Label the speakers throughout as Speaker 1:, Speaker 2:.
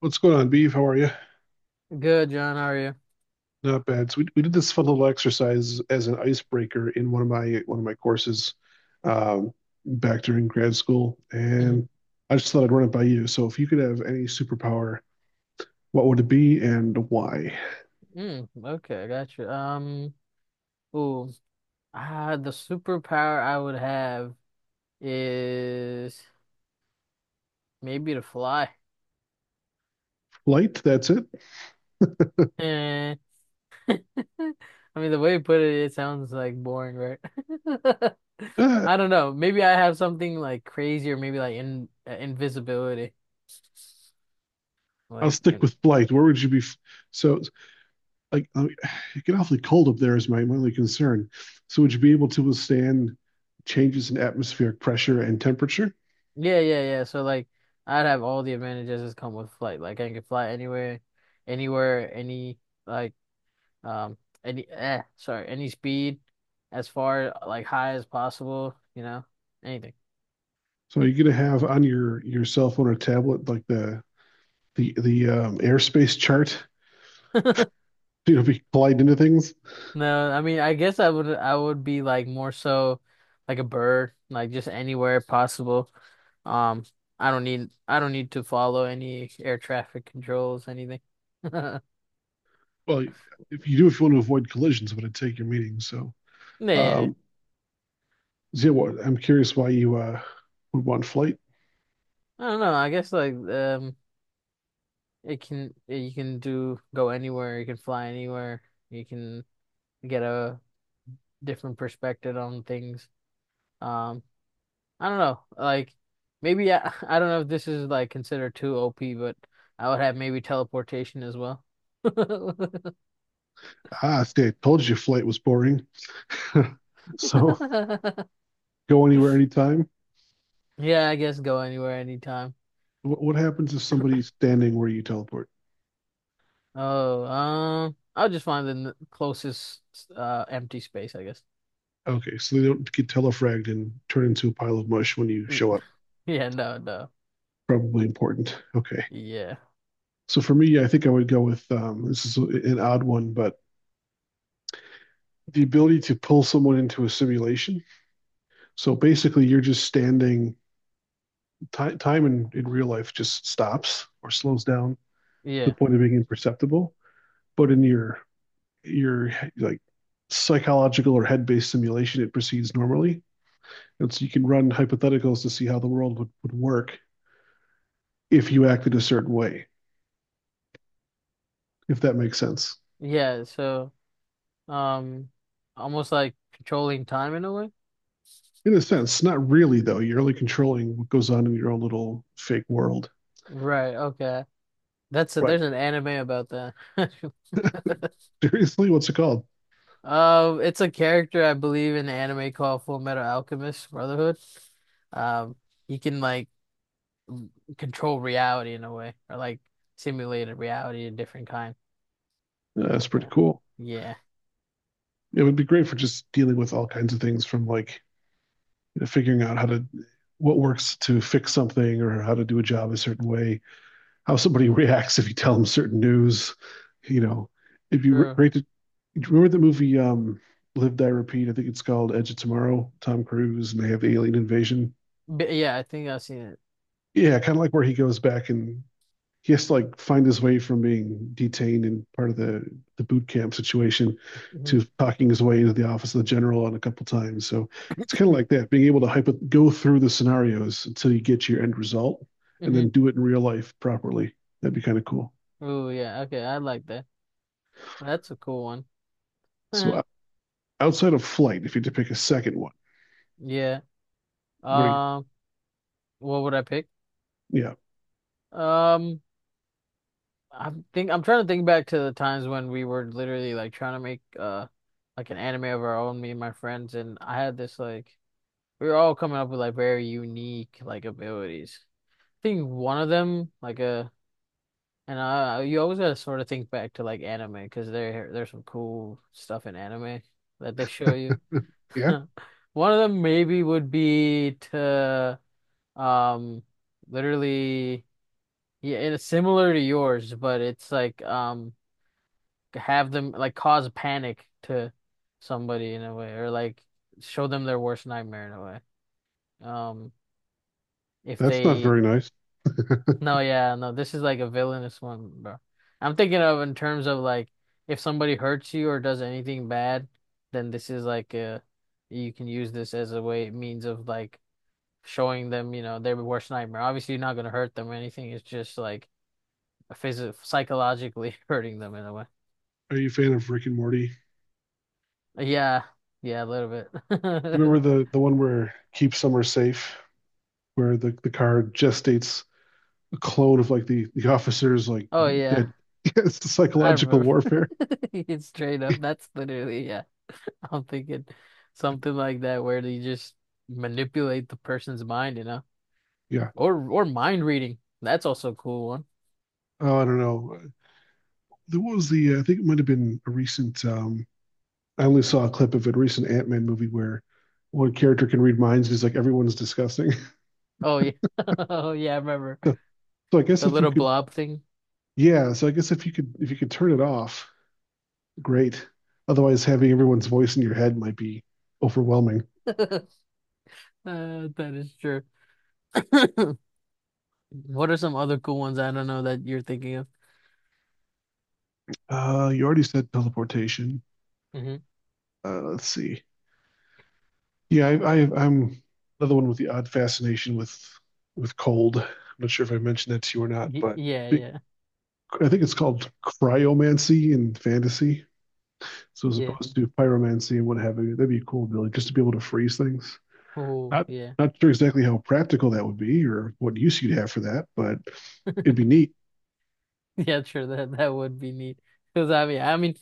Speaker 1: What's going on, Beef? How are you?
Speaker 2: Good, John. How are you?
Speaker 1: Not bad. So we did this fun little exercise as an icebreaker in one of my courses um, back during grad school,
Speaker 2: Mhm.
Speaker 1: and I just thought I'd run it by you. So if you could have any superpower, what would it be and why?
Speaker 2: Mm, okay, I got you. Ooh, the superpower I would have is maybe to fly.
Speaker 1: Flight, that's it.
Speaker 2: Eh. I mean, the way you put it, it sounds like boring, right?
Speaker 1: Ah,
Speaker 2: I don't know. Maybe I have something like crazy, or maybe like in invisibility.
Speaker 1: I'll
Speaker 2: Like,
Speaker 1: stick
Speaker 2: in,
Speaker 1: with flight. Where would you be? So like it get awfully cold up there is my, my only concern. So would you be able to withstand changes in atmospheric pressure and temperature?
Speaker 2: yeah, yeah, yeah. So like, I'd have all the advantages that come with flight. Like, I can fly anywhere, anywhere, like Um, any sorry, any speed as far like high as possible, you know, anything.
Speaker 1: So you're gonna have on your cell phone or tablet like the airspace chart. You know, be collide into things.
Speaker 2: No, I mean, I guess I would be like more so like a bird, like just anywhere possible. Um, I don't need to follow any air traffic controls, anything.
Speaker 1: Well, if you do, if you want to avoid collisions, it would take your meeting.
Speaker 2: Yeah, yeah.
Speaker 1: Um, Zia, I'm curious why you would want flight.
Speaker 2: I don't know. I guess it can you can do go anywhere, you can fly anywhere, you can get a different perspective on things. Um, I don't know. Like maybe I, I don't know if this is like considered too OP, but I would have maybe teleportation as well.
Speaker 1: Ah, see, I told you flight was boring. So go anywhere, anytime.
Speaker 2: Yeah, I guess go anywhere anytime.
Speaker 1: What happens if somebody's standing where you teleport?
Speaker 2: Oh, I'll just find the closest empty space, I guess.
Speaker 1: Okay, so they don't get telefragged and turn into a pile of mush when you
Speaker 2: Mm,
Speaker 1: show up.
Speaker 2: Yeah, no, no.
Speaker 1: Probably important. Okay.
Speaker 2: Yeah.
Speaker 1: So for me, I think I would go with this is an odd one, but the ability to pull someone into a simulation. So basically, you're just standing time in real life just stops or slows down to the
Speaker 2: Yeah.
Speaker 1: point of being imperceptible. But in your like psychological or head based simulation, it proceeds normally. And so you can run hypotheticals to see how the world would work if you acted a certain way, if that makes sense.
Speaker 2: Yeah, so um almost like controlling time in a way.
Speaker 1: In a sense, not really though. You're only controlling what goes on in your own little fake world.
Speaker 2: Right, okay.
Speaker 1: Right.
Speaker 2: There's an anime about that.
Speaker 1: Seriously, what's it called?
Speaker 2: It's a character I believe in the anime called Full Metal Alchemist Brotherhood. Um, he can m- control reality in a way, or like simulate a reality a different kind.
Speaker 1: Yeah, that's pretty
Speaker 2: So,
Speaker 1: cool.
Speaker 2: yeah,
Speaker 1: It would be great for just dealing with all kinds of things from like you know, figuring out how to what works to fix something or how to do a job a certain way, how somebody reacts if you tell them certain news. You know, it'd be
Speaker 2: sure.
Speaker 1: great to remember the movie Live Die Repeat. I think it's called Edge of Tomorrow. Tom Cruise and they have the alien invasion.
Speaker 2: But yeah, I think I've seen it.
Speaker 1: Yeah, kind of like where he goes back and he has to like find his way from being detained and part of the boot camp situation
Speaker 2: Mm-hmm.
Speaker 1: to talking his way into the office of the general on a couple times. So it's kind of like that, being able to go through the scenarios until you get your end result, and then
Speaker 2: Hmm.
Speaker 1: do it in real life properly. That'd be kind of cool.
Speaker 2: Oh yeah, okay, I like that. That's a cool one.
Speaker 1: So outside of flight, if you had to pick a second one,
Speaker 2: Yeah.
Speaker 1: what are you?
Speaker 2: Um, what would I pick?
Speaker 1: Yeah,
Speaker 2: Um. I think I'm trying to think back to the times when we were literally like trying to make like an anime of our own, me and my friends, and I had this like we were all coming up with like very unique like abilities. I think one of them like a and you always gotta sort of think back to like anime because there's some cool stuff in anime that they show you.
Speaker 1: yeah,
Speaker 2: One of them maybe would be to um literally yeah, and it's similar to yours, but it's like have them like cause panic to somebody in a way, or like show them their worst nightmare in a way. Um, if
Speaker 1: that's not
Speaker 2: they,
Speaker 1: very nice.
Speaker 2: no, yeah, no, this is like a villainous one, bro. I'm thinking of in terms of like if somebody hurts you or does anything bad, then this is like a you can use this as a way means of like showing them, you know, their worst nightmare. Obviously, you're not gonna hurt them or anything. It's just like a phys psychologically hurting them in a way.
Speaker 1: Are you a fan of Rick and Morty?
Speaker 2: Yeah, yeah, a little
Speaker 1: Do you
Speaker 2: bit.
Speaker 1: remember the the one where keep summer safe, where the car just states a clone of like the officers like
Speaker 2: Oh yeah.
Speaker 1: dead. It's the
Speaker 2: I
Speaker 1: psychological
Speaker 2: remember.
Speaker 1: warfare.
Speaker 2: It's straight up. That's literally, yeah. I'm thinking something like that where they just manipulate the person's mind, you know?
Speaker 1: Yeah.
Speaker 2: Or mind reading. That's also a cool one.
Speaker 1: Oh, I don't know. There was the I think it might have been a recent. I only saw a clip of it. A recent Ant Man movie where one character can read minds. And he's like everyone's disgusting.
Speaker 2: Oh yeah. Oh yeah, I remember.
Speaker 1: So, so I guess
Speaker 2: The
Speaker 1: if you
Speaker 2: little
Speaker 1: could,
Speaker 2: blob thing.
Speaker 1: yeah. So I guess if you could turn it off, great. Otherwise, having everyone's voice in your head might be overwhelming.
Speaker 2: That is true. What are some other cool ones I don't know that you're thinking of?
Speaker 1: You already said teleportation.
Speaker 2: Hmm.
Speaker 1: Let's see. Yeah, I'm another one with the odd fascination with cold. I'm not sure if I mentioned that to you or not,
Speaker 2: Y
Speaker 1: but
Speaker 2: yeah,
Speaker 1: be-
Speaker 2: yeah.
Speaker 1: I think it's called cryomancy in fantasy. So as
Speaker 2: Yeah.
Speaker 1: opposed to pyromancy and what have you, that'd be cool, Billy, just to be able to freeze things.
Speaker 2: Oh,
Speaker 1: Not
Speaker 2: yeah.
Speaker 1: not sure exactly how practical that would be or what use you'd have for that, but it'd be neat.
Speaker 2: Yeah, sure. That that would be neat. Because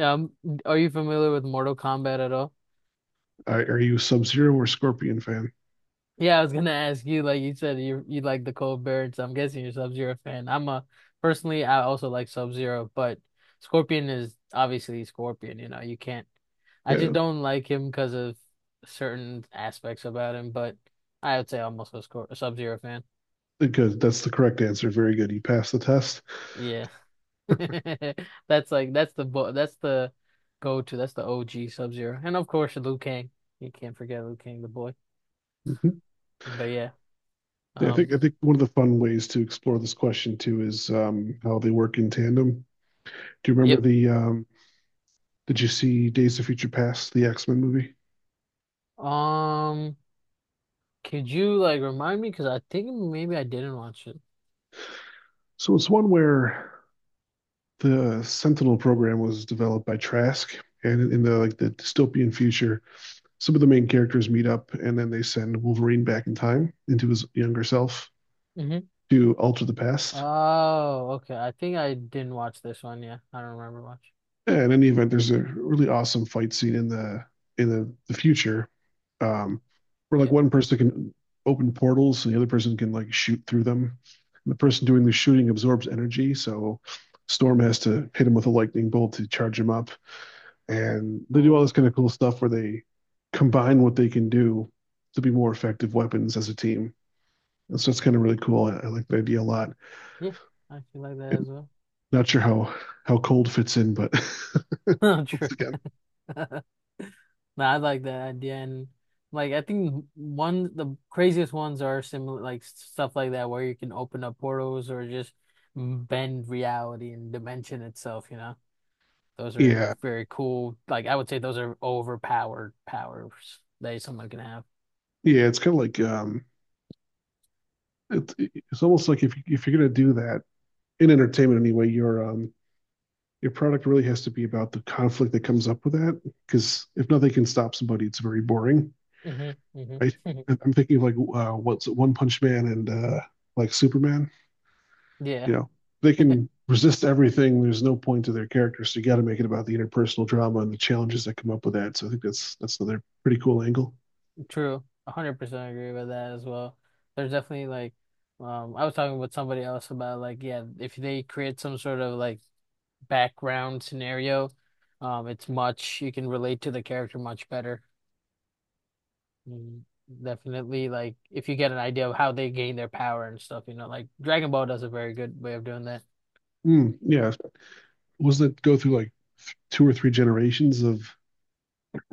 Speaker 2: um, are you familiar with Mortal Kombat at all?
Speaker 1: Are you a Sub-Zero or Scorpion fan?
Speaker 2: Yeah, I was gonna ask you. Like you said, you like the Cold Bear, so I'm guessing you're Sub-Zero fan. I'm a personally, I also like Sub-Zero, but Scorpion is obviously Scorpion. You know, you can't. I just
Speaker 1: Yeah,
Speaker 2: don't like him because of certain aspects about him. But I would say almost a Sub-Zero fan.
Speaker 1: because that's the correct answer. Very good. You passed the test.
Speaker 2: Yeah. That's like that's the go-to. That's the OG Sub-Zero. And of course Liu Kang. You can't forget Liu Kang, the boy. But yeah.
Speaker 1: Yeah, I think I
Speaker 2: Um
Speaker 1: think one of the fun ways to explore this question too is how they work in tandem. Do you remember
Speaker 2: yep.
Speaker 1: the? Did you see Days of Future Past, the X Men movie?
Speaker 2: Um could you like remind me? Because I think maybe I didn't watch it.
Speaker 1: So it's one where the Sentinel program was developed by Trask, and in the dystopian future, some of the main characters meet up, and then they send Wolverine back in time into his younger self
Speaker 2: Hmm.
Speaker 1: to alter the past.
Speaker 2: Oh, okay. I think I didn't watch this one, yeah. I don't remember much.
Speaker 1: Yeah, in any event, there's a really awesome fight scene in the future, um, where like
Speaker 2: Yeah.
Speaker 1: one person can open portals and the other person can like shoot through them. And the person doing the shooting absorbs energy, so Storm has to hit him with a lightning bolt to charge him up. And they do all
Speaker 2: Well,
Speaker 1: this kind of cool stuff where they combine what they can do to be more effective weapons as a team. And so it's kind of really cool. I like the idea a lot.
Speaker 2: yeah. I feel like that
Speaker 1: And
Speaker 2: as well.
Speaker 1: not sure how cold fits in, but
Speaker 2: True.
Speaker 1: once again,
Speaker 2: No, I like that idea, and like I think one the craziest ones are similar like stuff like that where you can open up portals or just bend reality and dimension itself. You know, those are
Speaker 1: yeah.
Speaker 2: very cool. Like I would say those are overpowered powers that someone can have.
Speaker 1: Yeah, it's kind of like it, it's almost like if you're gonna do that in entertainment anyway, your product really has to be about the conflict that comes up with that. Because if nothing can stop somebody, it's very boring,
Speaker 2: Hmm. Hmm.
Speaker 1: right? And I'm thinking of like what's it, One Punch Man and like Superman.
Speaker 2: Yeah,
Speaker 1: You know, they can resist everything. There's no point to their character, so you got to make it about the interpersonal drama and the challenges that come up with that. So I think that's another pretty cool angle.
Speaker 2: true. 100% agree with that as well. There's definitely like, I was talking with somebody else about like, yeah, if they create some sort of like background scenario. It's much you can relate to the character much better. Mm. Definitely, like if you get an idea of how they gain their power and stuff, you know, like Dragon Ball does a very good way of doing that.
Speaker 1: Mm, yeah, wasn't it go through like two or three generations of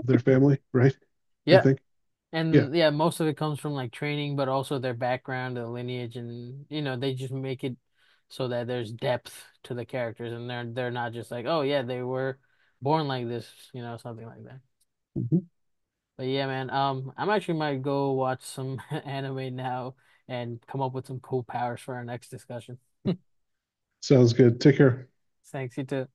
Speaker 1: their family, right? I
Speaker 2: Yeah.
Speaker 1: think. Yeah.
Speaker 2: And yeah, most of it comes from like training, but also their background, their lineage, and you know, they just make it so that there's depth to the characters and they're not just like, oh yeah, they were born like this, you know, something like that.
Speaker 1: Mm-hmm.
Speaker 2: But yeah, man, I'm actually might go watch some anime now and come up with some cool powers for our next discussion.
Speaker 1: Sounds good. Take care.
Speaker 2: Thanks, you too.